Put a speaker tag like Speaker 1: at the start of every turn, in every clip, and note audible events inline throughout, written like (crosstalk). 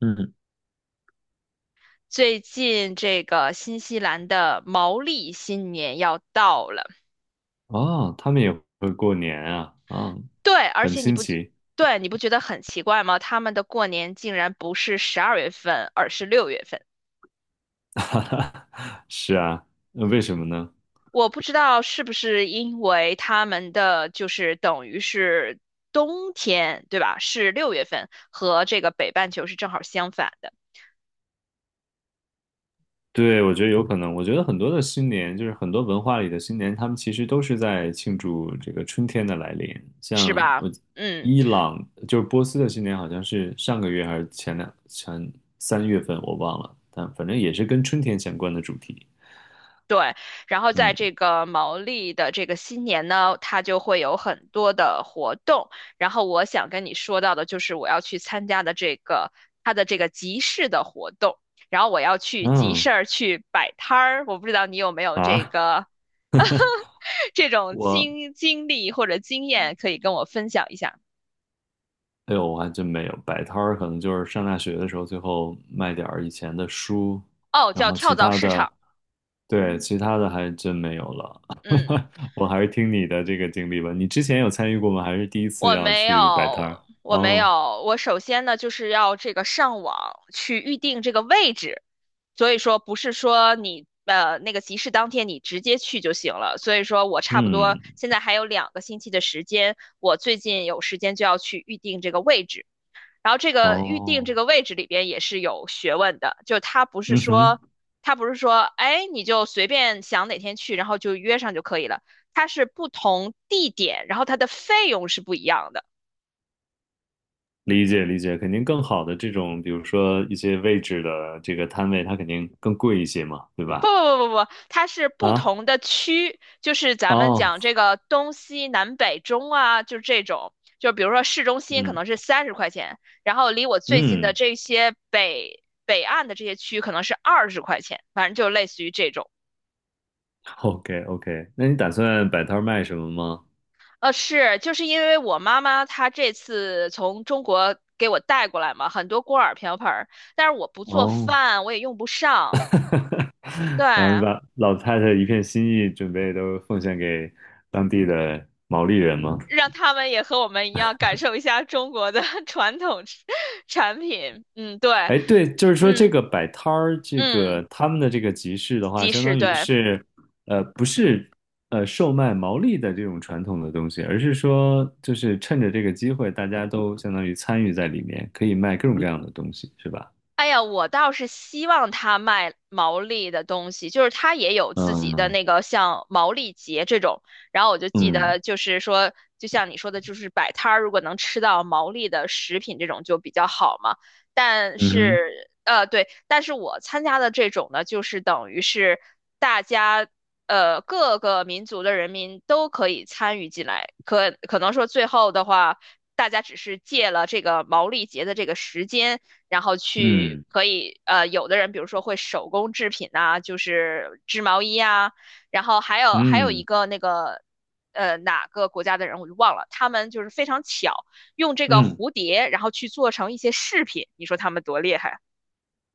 Speaker 1: 嗯，
Speaker 2: 最近这个新西兰的毛利新年要到了。
Speaker 1: 哦，他们也会过年啊，啊，
Speaker 2: 对，而
Speaker 1: 很
Speaker 2: 且你
Speaker 1: 新
Speaker 2: 不，
Speaker 1: 奇，
Speaker 2: 对，你不觉得很奇怪吗？他们的过年竟然不是12月份，而是六月份。
Speaker 1: (laughs) 哈哈是啊，那为什么呢？
Speaker 2: 我不知道是不是因为他们的就是等于是冬天，对吧？是六月份，和这个北半球是正好相反的，
Speaker 1: 对，我觉得有可能，我觉得很多的新年，就是很多文化里的新年，他们其实都是在庆祝这个春天的来临。
Speaker 2: 是
Speaker 1: 像
Speaker 2: 吧？
Speaker 1: 我
Speaker 2: 嗯。
Speaker 1: 伊朗，就是波斯的新年，好像是上个月还是前两前三月份，我忘了，但反正也是跟春天相关的主题。
Speaker 2: 对，然后在这
Speaker 1: 嗯
Speaker 2: 个毛利的这个新年呢，它就会有很多的活动。然后我想跟你说到的就是我要去参加的这个它的这个集市的活动，然后我要去集市
Speaker 1: 嗯
Speaker 2: 儿去摆摊儿。我不知道你有没有这
Speaker 1: 啊，
Speaker 2: 个 (laughs) 这种
Speaker 1: 我。
Speaker 2: 经历或者经验可以跟我分享一下？
Speaker 1: 哎呦，我还真没有摆摊儿，可能就是上大学的时候，最后卖点儿以前的书，
Speaker 2: 哦，
Speaker 1: 然
Speaker 2: 叫
Speaker 1: 后
Speaker 2: 跳
Speaker 1: 其
Speaker 2: 蚤
Speaker 1: 他
Speaker 2: 市
Speaker 1: 的，
Speaker 2: 场。
Speaker 1: 对，其他的还真没有了。
Speaker 2: 嗯。
Speaker 1: (laughs) 我还是听你的这个经历吧。你之前有参与过吗？还是第一次
Speaker 2: 我
Speaker 1: 要
Speaker 2: 没
Speaker 1: 去摆摊
Speaker 2: 有，
Speaker 1: 儿？
Speaker 2: 我没
Speaker 1: 哦，
Speaker 2: 有。我首先呢，就是要这个上网去预定这个位置，所以说不是说你那个集市当天你直接去就行了。所以说我差不多
Speaker 1: 嗯，
Speaker 2: 现在还有2个星期的时间，我最近有时间就要去预定这个位置。然后这个预定这
Speaker 1: 哦，
Speaker 2: 个位置里边也是有学问的，就它不是
Speaker 1: 嗯哼，
Speaker 2: 说它不是说哎你就随便想哪天去，然后就约上就可以了。它是不同地点，然后它的费用是不一样的。
Speaker 1: 理解理解，肯定更好的这种，比如说一些位置的这个摊位，它肯定更贵一些嘛，对
Speaker 2: 不
Speaker 1: 吧？
Speaker 2: 不不不不，它是不
Speaker 1: 啊，
Speaker 2: 同的区，就是咱们
Speaker 1: 哦，
Speaker 2: 讲这个东西南北中啊，就是这种。就比如说市中心可
Speaker 1: 嗯
Speaker 2: 能是30块钱，然后离我最近的
Speaker 1: 嗯。
Speaker 2: 这些北岸的这些区可能是20块钱，反正就类似于这种。
Speaker 1: OK OK，那你打算摆摊儿卖什么吗？
Speaker 2: 是，就是因为我妈妈她这次从中国给我带过来嘛，很多锅碗瓢盆儿，但是我不做
Speaker 1: 哦，
Speaker 2: 饭，我也用不上。
Speaker 1: (laughs) 然后你
Speaker 2: 对，
Speaker 1: 把老太太一片心意准备都奉献给当地的毛利人吗？
Speaker 2: 让他们也和我们一样感受一下中国的 (laughs) 传统产品。嗯，对，
Speaker 1: 哎，对，就是说这
Speaker 2: 嗯
Speaker 1: 个摆摊儿，这
Speaker 2: 嗯，
Speaker 1: 个他们的这个集市的话，
Speaker 2: 即
Speaker 1: 相
Speaker 2: 市，
Speaker 1: 当于
Speaker 2: 对。
Speaker 1: 是，不是售卖毛利的这种传统的东西，而是说就是趁着这个机会，大家都相当于参与在里面，可以卖各种各样的东西，是吧？
Speaker 2: 哎呀，我倒是希望他卖毛利的东西，就是他也有自己的
Speaker 1: 嗯
Speaker 2: 那个像毛利节这种。然后我就记
Speaker 1: 嗯
Speaker 2: 得，就是说，就像你说的，就是摆摊儿，如果能吃到毛利的食品这种就比较好嘛。但
Speaker 1: 嗯哼
Speaker 2: 是，对，但是我参加的这种呢，就是等于是大家，各个民族的人民都可以参与进来。可能说最后的话。大家只是借了这个毛利节的这个时间，然后去
Speaker 1: 嗯
Speaker 2: 可以有的人比如说会手工制品呐、就是织毛衣啊，然后还有一
Speaker 1: 嗯
Speaker 2: 个那个哪个国家的人我就忘了，他们就是非常巧，用这个
Speaker 1: 嗯。
Speaker 2: 蝴蝶然后去做成一些饰品，你说他们多厉害？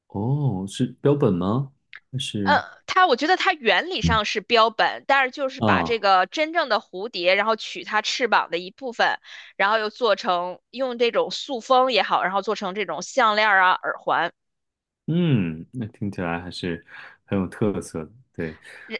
Speaker 1: 哦，是标本吗？还是
Speaker 2: 它我觉得它原理
Speaker 1: 嗯
Speaker 2: 上是标本，但是就是把这
Speaker 1: 啊？
Speaker 2: 个真正的蝴蝶，然后取它翅膀的一部分，然后又做成用这种塑封也好，然后做成这种项链儿啊、耳环。
Speaker 1: 嗯，那听起来还是很有特色的。对，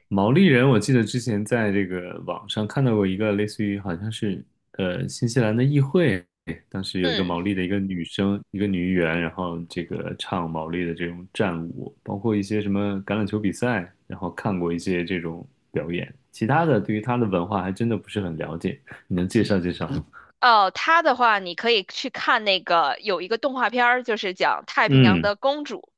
Speaker 1: 毛利人，我记得之前在这个网上看到过一个类似于好像是新西兰的议会，当时有一个
Speaker 2: 嗯。
Speaker 1: 毛利的一个女生，一个女议员，然后这个唱毛利的这种战舞，包括一些什么橄榄球比赛，然后看过一些这种表演。其他的对于他的文化还真的不是很了解，你能介绍介绍吗？
Speaker 2: 哦，它的话，你可以去看那个有一个动画片儿，就是讲太平洋
Speaker 1: 嗯
Speaker 2: 的公主，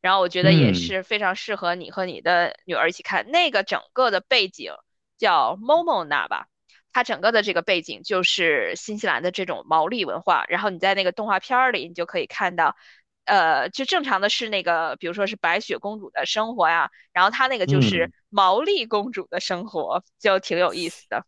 Speaker 2: 然后我觉得也
Speaker 1: 嗯。
Speaker 2: 是非常适合你和你的女儿一起看。那个整个的背景叫 Momona 吧，它整个的这个背景就是新西兰的这种毛利文化。然后你在那个动画片儿里，你就可以看到，就正常的是那个，比如说是白雪公主的生活呀，然后她那个就是
Speaker 1: 嗯，
Speaker 2: 毛利公主的生活，就挺有意思的。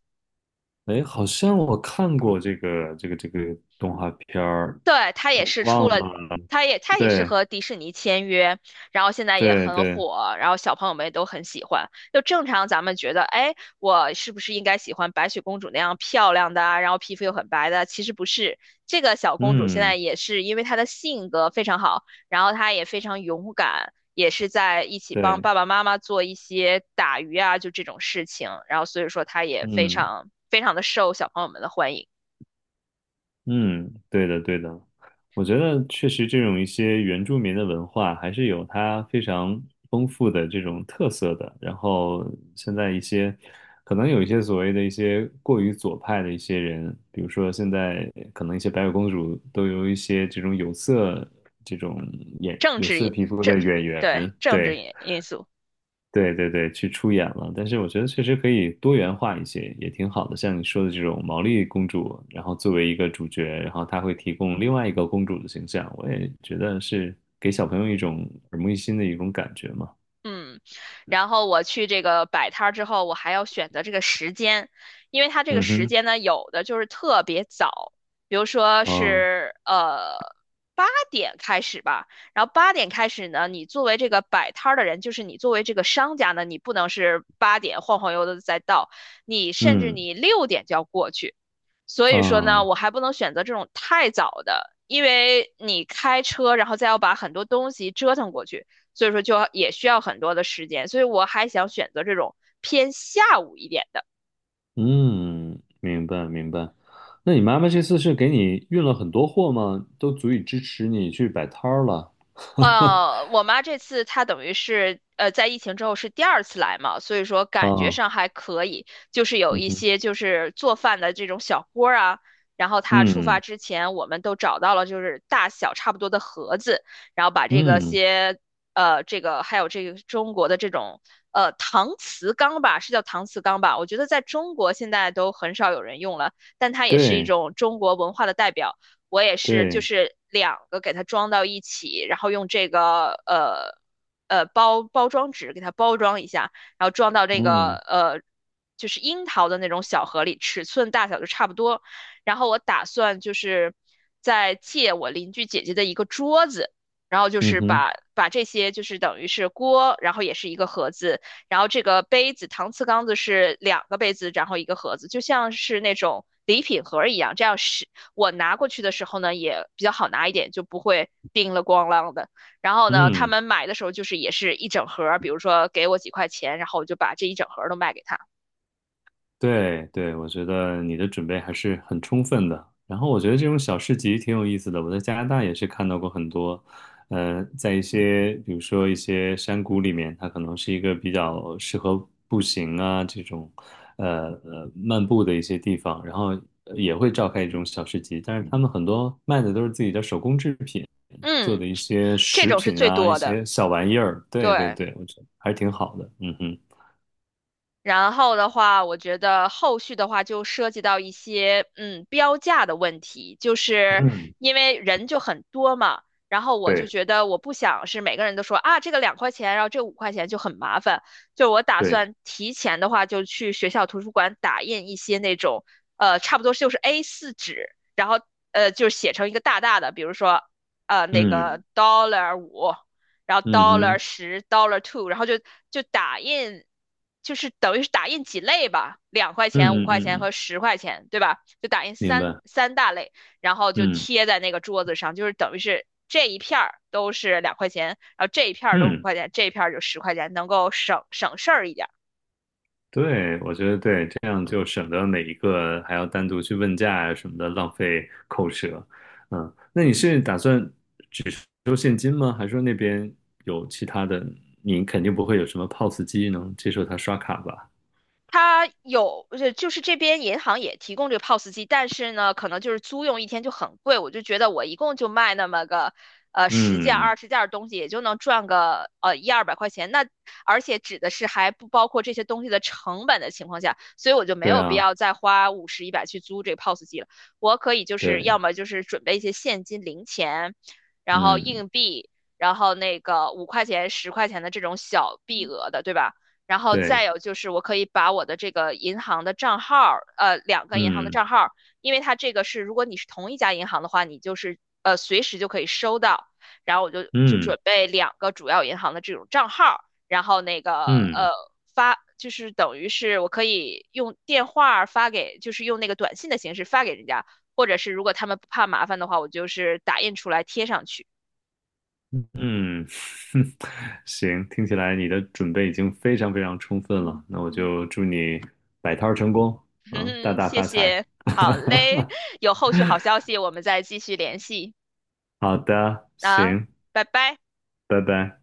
Speaker 1: 哎，好像我看过这个动画片儿，
Speaker 2: 对，他也
Speaker 1: 我
Speaker 2: 是出
Speaker 1: 忘
Speaker 2: 了，
Speaker 1: 了。
Speaker 2: 他也是
Speaker 1: 对
Speaker 2: 和迪士尼签约，然后现在也
Speaker 1: 对
Speaker 2: 很
Speaker 1: 对，
Speaker 2: 火，然后小朋友们也都很喜欢。就正常咱们觉得，哎，我是不是应该喜欢白雪公主那样漂亮的啊然后皮肤又很白的啊？其实不是，这个小公主现在
Speaker 1: 嗯，
Speaker 2: 也是因为她的性格非常好，然后她也非常勇敢，也是在一起帮
Speaker 1: 对，
Speaker 2: 爸爸妈妈做一些打鱼啊，就这种事情，然后所以说她也非
Speaker 1: 嗯，
Speaker 2: 常非常的受小朋友们的欢迎。
Speaker 1: 嗯，对的，对的，我觉得确实这种一些原住民的文化还是有它非常丰富的这种特色的。然后现在一些可能有一些所谓的一些过于左派的一些人，比如说现在可能一些白雪公主都有一些这种有色这种眼
Speaker 2: 政
Speaker 1: 有
Speaker 2: 治
Speaker 1: 色
Speaker 2: 因
Speaker 1: 皮肤的
Speaker 2: 政
Speaker 1: 演
Speaker 2: 对，
Speaker 1: 员，
Speaker 2: 政治
Speaker 1: 对，
Speaker 2: 因因素，
Speaker 1: 对对对，去出演了。但是我觉得确实可以多元化一些，也挺好的。像你说的这种毛利公主，然后作为一个主角，然后她会提供另外一个公主的形象，我也觉得是给小朋友一种耳目一新的一种感觉嘛。
Speaker 2: 嗯，然后我去这个摆摊儿之后，我还要选择这个时间，因为它这个
Speaker 1: 嗯
Speaker 2: 时
Speaker 1: 哼，
Speaker 2: 间呢，有的就是特别早，比如说
Speaker 1: 啊，
Speaker 2: 是八点开始吧，然后八点开始呢，你作为这个摆摊儿的人，就是你作为这个商家呢，你不能是八点晃晃悠悠的再到，你甚至
Speaker 1: 嗯，
Speaker 2: 你6点就要过去。所以说呢，我
Speaker 1: 啊，
Speaker 2: 还不能选择这种太早的，因为你开车，然后再要把很多东西折腾过去，所以说就要也需要很多的时间。所以我还想选择这种偏下午一点的。
Speaker 1: 嗯，明白明白。那你妈妈这次是给你运了很多货吗？都足以支持你去摆摊儿了。(laughs)
Speaker 2: 我妈这次她等于是在疫情之后是第二次来嘛，所以说感觉
Speaker 1: 啊，
Speaker 2: 上还可以，就是有
Speaker 1: 嗯
Speaker 2: 一
Speaker 1: 哼，
Speaker 2: 些就是做饭的这种小锅儿啊，然后她出发
Speaker 1: 嗯
Speaker 2: 之前，我们都找到了就是大小差不多的盒子，然后把这个
Speaker 1: 嗯，
Speaker 2: 些这个还有这个中国的这种搪瓷缸吧，是叫搪瓷缸吧？我觉得在中国现在都很少有人用了，但它也是一
Speaker 1: 对
Speaker 2: 种中国文化的代表。我也是就
Speaker 1: 对。
Speaker 2: 是两个给它装到一起，然后用这个包装纸给它包装一下，然后装到这个
Speaker 1: 嗯
Speaker 2: 就是樱桃的那种小盒里，尺寸大小就差不多。然后我打算就是再借我邻居姐姐的一个桌子。然后就
Speaker 1: 嗯
Speaker 2: 是
Speaker 1: 哼，
Speaker 2: 把这些就是等于是锅，然后也是一个盒子，然后这个杯子搪瓷缸子是2个杯子，然后一个盒子，就像是那种礼品盒一样，这样我拿过去的时候呢，也比较好拿一点，就不会叮了咣啷的。然后呢，他
Speaker 1: 嗯，
Speaker 2: 们买的时候就是也是一整盒比如说给我几块钱，然后我就把这一整盒都卖给他。
Speaker 1: 对对，我觉得你的准备还是很充分的。然后我觉得这种小市集挺有意思的，我在加拿大也是看到过很多，在一些比如说一些山谷里面，它可能是一个比较适合步行啊这种，漫步的一些地方，然后也会召开一种小市集，但是他们很多卖的都是自己的手工制品，做的
Speaker 2: 嗯，
Speaker 1: 一些
Speaker 2: 这
Speaker 1: 食
Speaker 2: 种是
Speaker 1: 品
Speaker 2: 最
Speaker 1: 啊，一
Speaker 2: 多的，
Speaker 1: 些小玩意儿。对对
Speaker 2: 对。
Speaker 1: 对，我觉得还是挺好的。嗯哼。
Speaker 2: 然后的话，我觉得后续的话就涉及到一些标价的问题，就是因为人就很多嘛，然后我就
Speaker 1: 对。
Speaker 2: 觉得我不想是每个人都说啊这个两块钱，然后这五块钱就很麻烦，就我打
Speaker 1: 对，
Speaker 2: 算提前的话就去学校图书馆打印一些那种差不多就是 A4 纸，然后就写成一个大大的，比如说那个
Speaker 1: 嗯
Speaker 2: $5。然后
Speaker 1: 嗯
Speaker 2: dollar
Speaker 1: 哼，
Speaker 2: 十 $2，然后就打印，就是等于是打印几类吧，两块钱、五
Speaker 1: 嗯嗯
Speaker 2: 块钱
Speaker 1: 嗯嗯，
Speaker 2: 和十块钱，对吧？就打印
Speaker 1: 明
Speaker 2: 三
Speaker 1: 白，
Speaker 2: 三大类，然后就
Speaker 1: 嗯
Speaker 2: 贴在那个桌子上，就是等于是这一片儿都是两块钱，然后这一片儿都五
Speaker 1: 嗯，
Speaker 2: 块钱，这一片儿就十块钱，能够省省事儿一点。
Speaker 1: 对，我觉得对，这样就省得每一个还要单独去问价啊什么的，浪费口舌。嗯，那你是打算收现金吗？还是说那边有其他的？你肯定不会有什么 POS 机能接受他刷卡吧？
Speaker 2: 它有，就是这边银行也提供这个 POS 机，但是呢，可能就是租用一天就很贵。我就觉得我一共就卖那么个，十件、
Speaker 1: 嗯，
Speaker 2: 20件的东西，也就能赚个一二百块钱。那而且指的是还不包括这些东西的成本的情况下，所以我就没
Speaker 1: 对
Speaker 2: 有必
Speaker 1: 啊，
Speaker 2: 要再花50、100去租这个 POS 机了。我可以就是
Speaker 1: 对，
Speaker 2: 要么就是准备一些现金、零钱，然后
Speaker 1: 嗯，
Speaker 2: 硬币，然后那个五块钱、十块钱的这种小币额的，对吧？然后再
Speaker 1: 对，
Speaker 2: 有就是，我可以把我的这个银行的账号2个银行的
Speaker 1: 嗯
Speaker 2: 账号因为它这个是，如果你是同一家银行的话，你就是随时就可以收到。然后我就
Speaker 1: 嗯
Speaker 2: 准备2个主要银行的这种账号，然后那个
Speaker 1: 嗯。
Speaker 2: 发，就是等于是我可以用电话发给，就是用那个短信的形式发给人家，或者是如果他们不怕麻烦的话，我就是打印出来贴上去。
Speaker 1: 嗯，(laughs) 行，听起来你的准备已经非常非常充分了，那我就祝你摆摊儿成功，
Speaker 2: (laughs) 哼
Speaker 1: 啊，大
Speaker 2: 哼，
Speaker 1: 大
Speaker 2: 谢
Speaker 1: 发财。
Speaker 2: 谢，
Speaker 1: (laughs)
Speaker 2: 好嘞，有后续好消息我们再继续联系。
Speaker 1: 好的，
Speaker 2: 啊，
Speaker 1: 行，
Speaker 2: 拜拜。
Speaker 1: 拜拜。